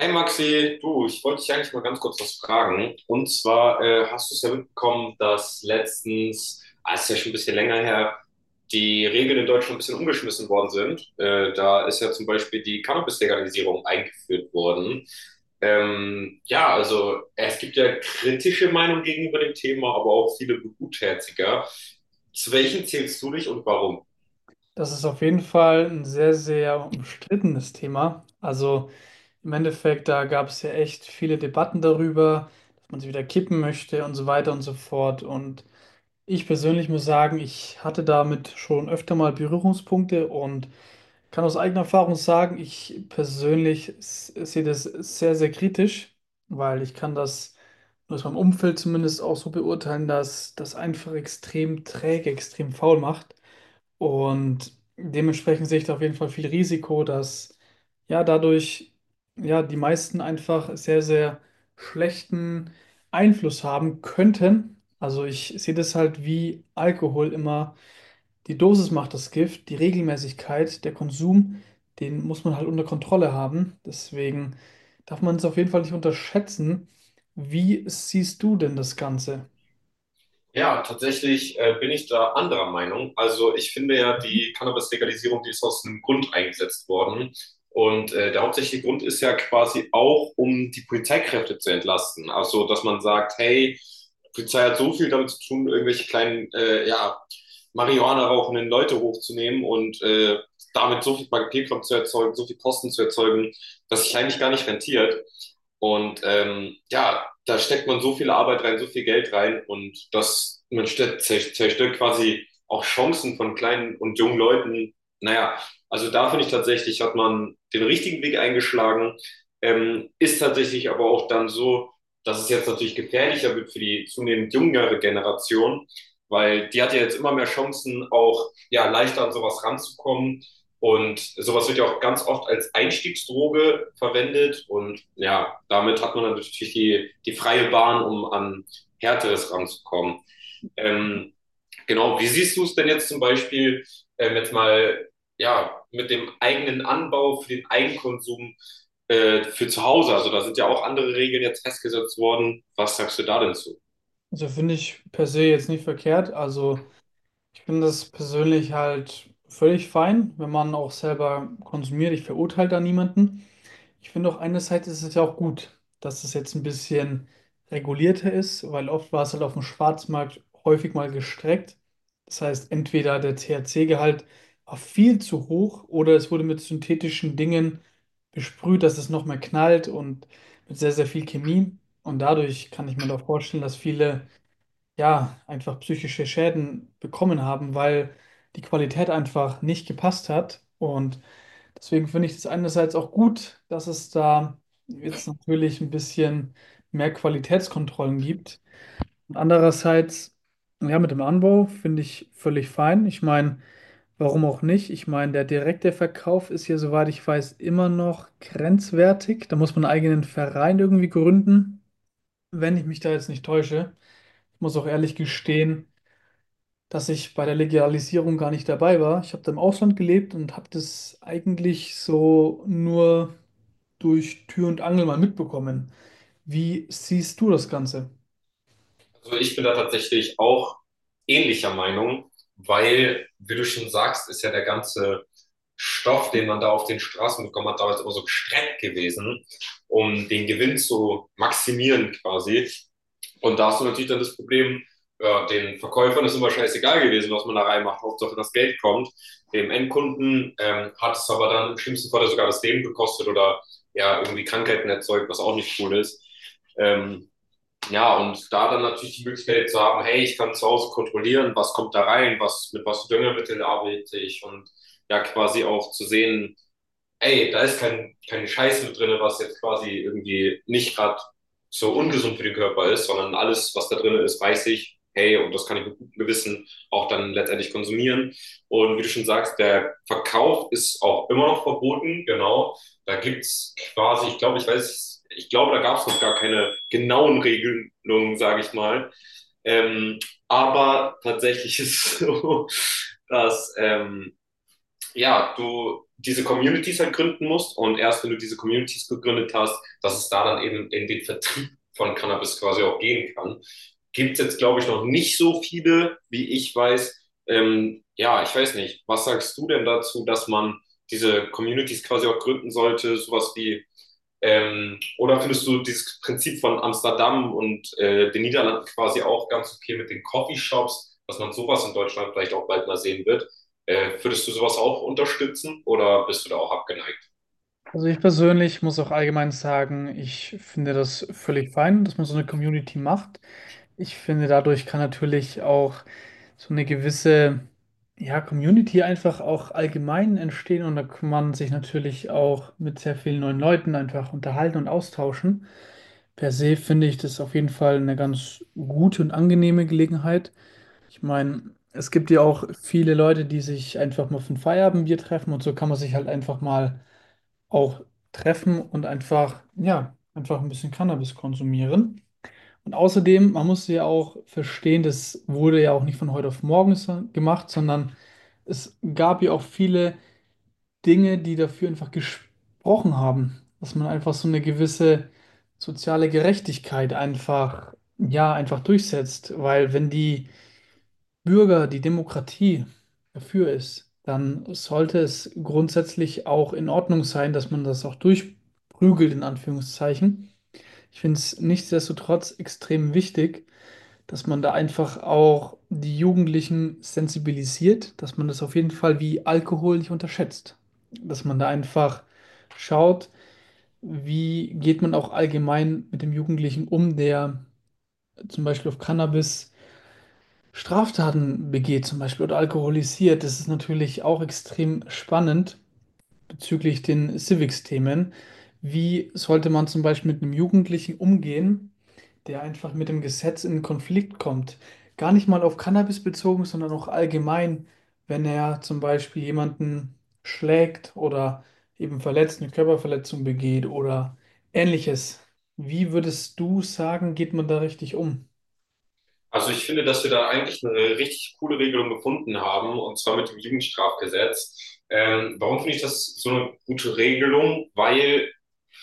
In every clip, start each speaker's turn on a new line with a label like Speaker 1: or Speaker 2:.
Speaker 1: Hey Maxi, du, ich wollte dich eigentlich mal ganz kurz was fragen. Und zwar hast du es ja mitbekommen, dass letztens, ist ja schon ein bisschen länger her, die Regeln in Deutschland ein bisschen umgeschmissen worden sind. Da ist ja zum Beispiel die Cannabis-Legalisierung eingeführt worden. Ja, also es gibt ja kritische Meinungen gegenüber dem Thema, aber auch viele Gutherziger. Zu welchen zählst du dich und warum?
Speaker 2: Das ist auf jeden Fall ein sehr, sehr umstrittenes Thema. Also im Endeffekt, da gab es ja echt viele Debatten darüber, dass man es wieder kippen möchte und so weiter und so fort. Und ich persönlich muss sagen, ich hatte damit schon öfter mal Berührungspunkte und kann aus eigener Erfahrung sagen, ich persönlich sehe das sehr, sehr kritisch, weil ich kann das aus meinem Umfeld zumindest auch so beurteilen, dass das einfach extrem träge, extrem faul macht. Und dementsprechend sehe ich da auf jeden Fall viel Risiko, dass ja dadurch ja die meisten einfach sehr, sehr schlechten Einfluss haben könnten. Also ich sehe das halt wie Alkohol immer. Die Dosis macht das Gift, die Regelmäßigkeit, der Konsum, den muss man halt unter Kontrolle haben. Deswegen darf man es auf jeden Fall nicht unterschätzen. Wie siehst du denn das Ganze?
Speaker 1: Ja, tatsächlich bin ich da anderer Meinung. Also ich finde ja, die Cannabis-Legalisierung, die ist aus einem Grund eingesetzt worden. Und der hauptsächliche Grund ist ja quasi auch, um die Polizeikräfte zu entlasten. Also, dass man sagt, hey, die Polizei hat so viel damit zu tun, irgendwelche kleinen, ja, Marihuana rauchenden Leute hochzunehmen und damit so viel Papierkram zu erzeugen, so viel Kosten zu erzeugen, dass sich eigentlich gar nicht rentiert. Und ja, da steckt man so viel Arbeit rein, so viel Geld rein und das, man zerstört quasi auch Chancen von kleinen und jungen Leuten. Naja, also da finde ich tatsächlich, hat man den richtigen Weg eingeschlagen, ist tatsächlich aber auch dann so, dass es jetzt natürlich gefährlicher wird für die zunehmend jüngere Generation, weil die hat ja jetzt immer mehr Chancen, auch ja leichter an sowas ranzukommen und sowas wird ja auch ganz oft als Einstiegsdroge verwendet. Und ja, damit hat man natürlich die freie Bahn, um an Härteres ranzukommen. Ähm, genau, wie siehst du es denn jetzt zum Beispiel, jetzt mal ja, mit dem eigenen Anbau für den Eigenkonsum für zu Hause? Also da sind ja auch andere Regeln jetzt festgesetzt worden. Was sagst du da denn zu?
Speaker 2: Also finde ich per se jetzt nicht verkehrt. Also ich finde das persönlich halt völlig fein, wenn man auch selber konsumiert. Ich verurteile da niemanden. Ich finde auch, einerseits ist es ja auch gut, dass es jetzt ein bisschen regulierter ist, weil oft war es halt auf dem Schwarzmarkt häufig mal gestreckt. Das heißt, entweder der THC-Gehalt war viel zu hoch oder es wurde mit synthetischen Dingen besprüht, dass es noch mehr knallt, und mit sehr, sehr viel Chemie. Und dadurch kann ich mir auch vorstellen, dass viele ja einfach psychische Schäden bekommen haben, weil die Qualität einfach nicht gepasst hat. Und deswegen finde ich es einerseits auch gut, dass es da jetzt natürlich ein bisschen mehr Qualitätskontrollen gibt. Und andererseits, ja, mit dem Anbau finde ich völlig fein. Ich meine, warum auch nicht? Ich meine, der direkte Verkauf ist ja, soweit ich weiß, immer noch grenzwertig. Da muss man einen eigenen Verein irgendwie gründen, wenn ich mich da jetzt nicht täusche. Ich muss auch ehrlich gestehen, dass ich bei der Legalisierung gar nicht dabei war. Ich habe da im Ausland gelebt und habe das eigentlich so nur durch Tür und Angel mal mitbekommen. Wie siehst du das Ganze?
Speaker 1: Also ich bin da tatsächlich auch ähnlicher Meinung, weil, wie du schon sagst, ist ja der ganze Stoff, den man da auf den Straßen bekommen hat, damals immer so gestreckt gewesen, um den Gewinn zu maximieren quasi. Und da hast du natürlich dann das Problem, ja, den Verkäufern ist immer scheißegal gewesen, was man da reinmacht, Hauptsache das Geld kommt. Dem Endkunden hat es aber dann im schlimmsten Fall sogar das Leben gekostet oder ja, irgendwie Krankheiten erzeugt, was auch nicht cool ist. Ähm, ja, und da dann natürlich die Möglichkeit zu haben, hey, ich kann zu Hause kontrollieren, was kommt da rein, was, mit was für Düngemittel arbeite ich und ja, quasi auch zu sehen, ey, da ist keine Scheiße mit drin, was jetzt quasi irgendwie nicht gerade so ungesund für den Körper ist, sondern alles, was da drin ist, weiß ich, hey, und das kann ich mit gutem Gewissen auch dann letztendlich konsumieren. Und wie du schon sagst, der Verkauf ist auch immer noch verboten, genau. Da gibt's quasi, ich glaube, da gab's noch gar keine genauen Regelungen, sage ich mal. Ähm, aber tatsächlich ist es so, dass ja, du diese Communities halt gründen musst und erst wenn du diese Communities gegründet hast, dass es da dann eben in den Vertrieb von Cannabis quasi auch gehen kann. Gibt es jetzt, glaube ich, noch nicht so viele, wie ich weiß. Ja, ich weiß nicht. Was sagst du denn dazu, dass man diese Communities quasi auch gründen sollte, sowas wie oder findest du dieses Prinzip von Amsterdam und den Niederlanden quasi auch ganz okay mit den Coffeeshops, dass man sowas in Deutschland vielleicht auch bald mal sehen wird? Würdest du sowas auch unterstützen oder bist du da auch abgeneigt?
Speaker 2: Also ich persönlich muss auch allgemein sagen, ich finde das völlig fein, dass man so eine Community macht. Ich finde, dadurch kann natürlich auch so eine gewisse, ja, Community einfach auch allgemein entstehen, und da kann man sich natürlich auch mit sehr vielen neuen Leuten einfach unterhalten und austauschen. Per se finde ich das auf jeden Fall eine ganz gute und angenehme Gelegenheit. Ich meine, es gibt ja auch viele Leute, die sich einfach mal für ein Feierabendbier treffen, und so kann man sich halt einfach mal auch treffen und einfach, ja, einfach ein bisschen Cannabis konsumieren. Und außerdem, man muss ja auch verstehen, das wurde ja auch nicht von heute auf morgen gemacht, sondern es gab ja auch viele Dinge, die dafür einfach gesprochen haben, dass man einfach so eine gewisse soziale Gerechtigkeit einfach, ja, einfach durchsetzt. Weil wenn die Bürger, die Demokratie dafür ist, dann sollte es grundsätzlich auch in Ordnung sein, dass man das auch durchprügelt, in Anführungszeichen. Ich finde es nichtsdestotrotz extrem wichtig, dass man da einfach auch die Jugendlichen sensibilisiert, dass man das auf jeden Fall wie Alkohol nicht unterschätzt. Dass man da einfach schaut, wie geht man auch allgemein mit dem Jugendlichen um, der zum Beispiel auf Cannabis Straftaten begeht, zum Beispiel, oder alkoholisiert. Das ist natürlich auch extrem spannend bezüglich den Civics-Themen. Wie sollte man zum Beispiel mit einem Jugendlichen umgehen, der einfach mit dem Gesetz in Konflikt kommt? Gar nicht mal auf Cannabis bezogen, sondern auch allgemein, wenn er zum Beispiel jemanden schlägt oder eben verletzt, eine Körperverletzung begeht oder ähnliches. Wie würdest du sagen, geht man da richtig um?
Speaker 1: Also ich finde, dass wir da eigentlich eine richtig coole Regelung gefunden haben, und zwar mit dem Jugendstrafgesetz. Warum finde ich das so eine gute Regelung? Weil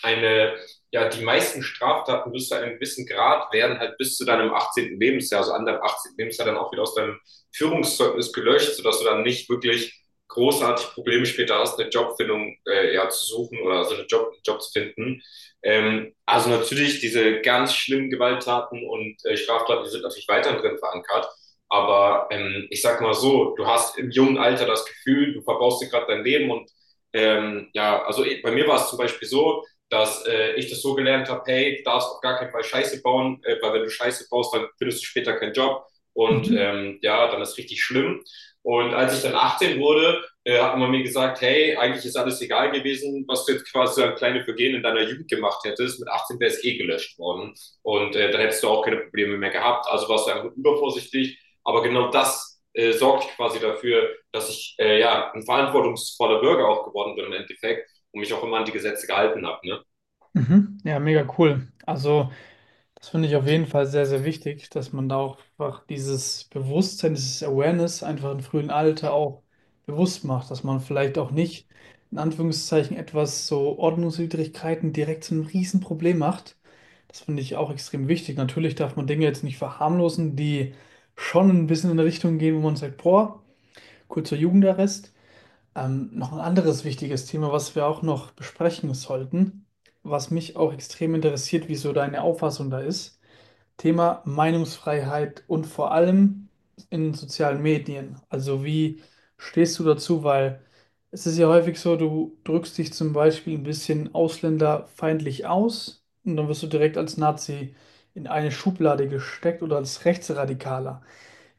Speaker 1: eine, ja, die meisten Straftaten bis zu einem gewissen Grad werden halt bis zu deinem 18. Lebensjahr, also an deinem 18. Lebensjahr dann auch wieder aus deinem Führungszeugnis gelöscht, sodass du dann nicht wirklich großartig Probleme später hast, eine Jobfindung ja, zu suchen oder so also einen Job zu finden. Also natürlich diese ganz schlimmen Gewalttaten und Straftaten, die sind natürlich weiter drin verankert. Aber ich sag mal so, du hast im jungen Alter das Gefühl, du verbaust dir gerade dein Leben und ja, also bei mir war es zum Beispiel so, dass ich das so gelernt habe, hey, du darfst auf gar keinen Fall Scheiße bauen, weil wenn du Scheiße baust, dann findest du später keinen Job und
Speaker 2: Mhm.
Speaker 1: ja, dann ist richtig schlimm. Und als ich dann 18 wurde, hat man mir gesagt, hey, eigentlich ist alles egal gewesen, was du jetzt quasi an kleine Vergehen in deiner Jugend gemacht hättest. Mit 18 wäre es eh gelöscht worden und dann hättest du auch keine Probleme mehr gehabt. Also warst du einfach übervorsichtig. Aber genau das sorgt quasi dafür, dass ich ja ein verantwortungsvoller Bürger auch geworden bin im Endeffekt und mich auch immer an die Gesetze gehalten habe. Ne?
Speaker 2: Mhm. Ja, mega cool. Also. Das finde ich auf jeden Fall sehr, sehr wichtig, dass man da auch einfach dieses Bewusstsein, dieses Awareness einfach im frühen Alter auch bewusst macht, dass man vielleicht auch nicht in Anführungszeichen etwas so Ordnungswidrigkeiten direkt zu einem Riesenproblem macht. Das finde ich auch extrem wichtig. Natürlich darf man Dinge jetzt nicht verharmlosen, die schon ein bisschen in eine Richtung gehen, wo man sagt, boah, kurzer Jugendarrest. Noch ein anderes wichtiges Thema, was wir auch noch besprechen sollten, was mich auch extrem interessiert, wie so deine Auffassung da ist. Thema Meinungsfreiheit, und vor allem in sozialen Medien. Also wie stehst du dazu? Weil es ist ja häufig so, du drückst dich zum Beispiel ein bisschen ausländerfeindlich aus und dann wirst du direkt als Nazi in eine Schublade gesteckt oder als Rechtsradikaler.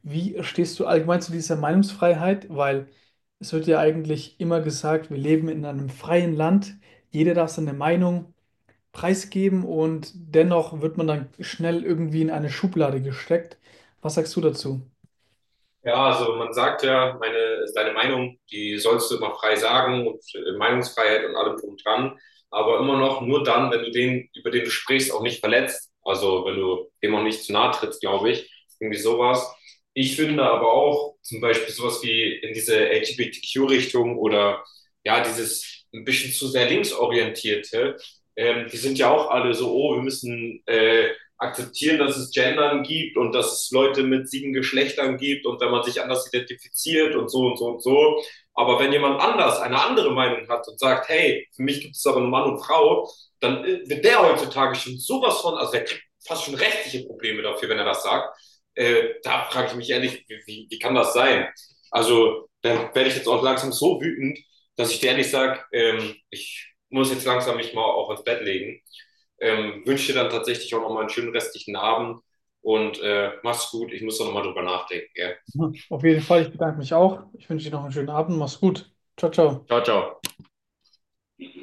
Speaker 2: Wie stehst du allgemein zu dieser Meinungsfreiheit? Weil es wird ja eigentlich immer gesagt, wir leben in einem freien Land, jeder darf seine Meinung preisgeben, und dennoch wird man dann schnell irgendwie in eine Schublade gesteckt. Was sagst du dazu?
Speaker 1: Ja, also man sagt ja, deine Meinung, die sollst du immer frei sagen und Meinungsfreiheit und allem drum dran, aber immer noch nur dann, wenn du den, über den du sprichst, auch nicht verletzt. Also wenn du dem auch nicht zu nahe trittst, glaube ich. Irgendwie sowas. Ich finde aber auch zum Beispiel sowas wie in diese LGBTQ-Richtung oder ja, dieses ein bisschen zu sehr linksorientierte, die sind ja auch alle so, oh, wir müssen akzeptieren, dass es Gendern gibt und dass es Leute mit 7 Geschlechtern gibt und wenn man sich anders identifiziert und so und so und so. Aber wenn jemand anders eine andere Meinung hat und sagt, hey, für mich gibt es aber nur Mann und Frau, dann wird der heutzutage schon sowas von, also der kriegt fast schon rechtliche Probleme dafür, wenn er das sagt. Da frage ich mich ehrlich, wie kann das sein? Also, dann werde ich jetzt auch langsam so wütend, dass ich dir ehrlich sage, ich muss jetzt langsam mich mal auch ins Bett legen. Wünsche dir dann tatsächlich auch nochmal einen schönen restlichen Abend und mach's gut. Ich muss da nochmal drüber nachdenken. Gell?
Speaker 2: Mhm. Auf jeden Fall, ich bedanke mich auch. Ich wünsche dir noch einen schönen Abend. Mach's gut. Ciao, ciao.
Speaker 1: Ciao, ciao.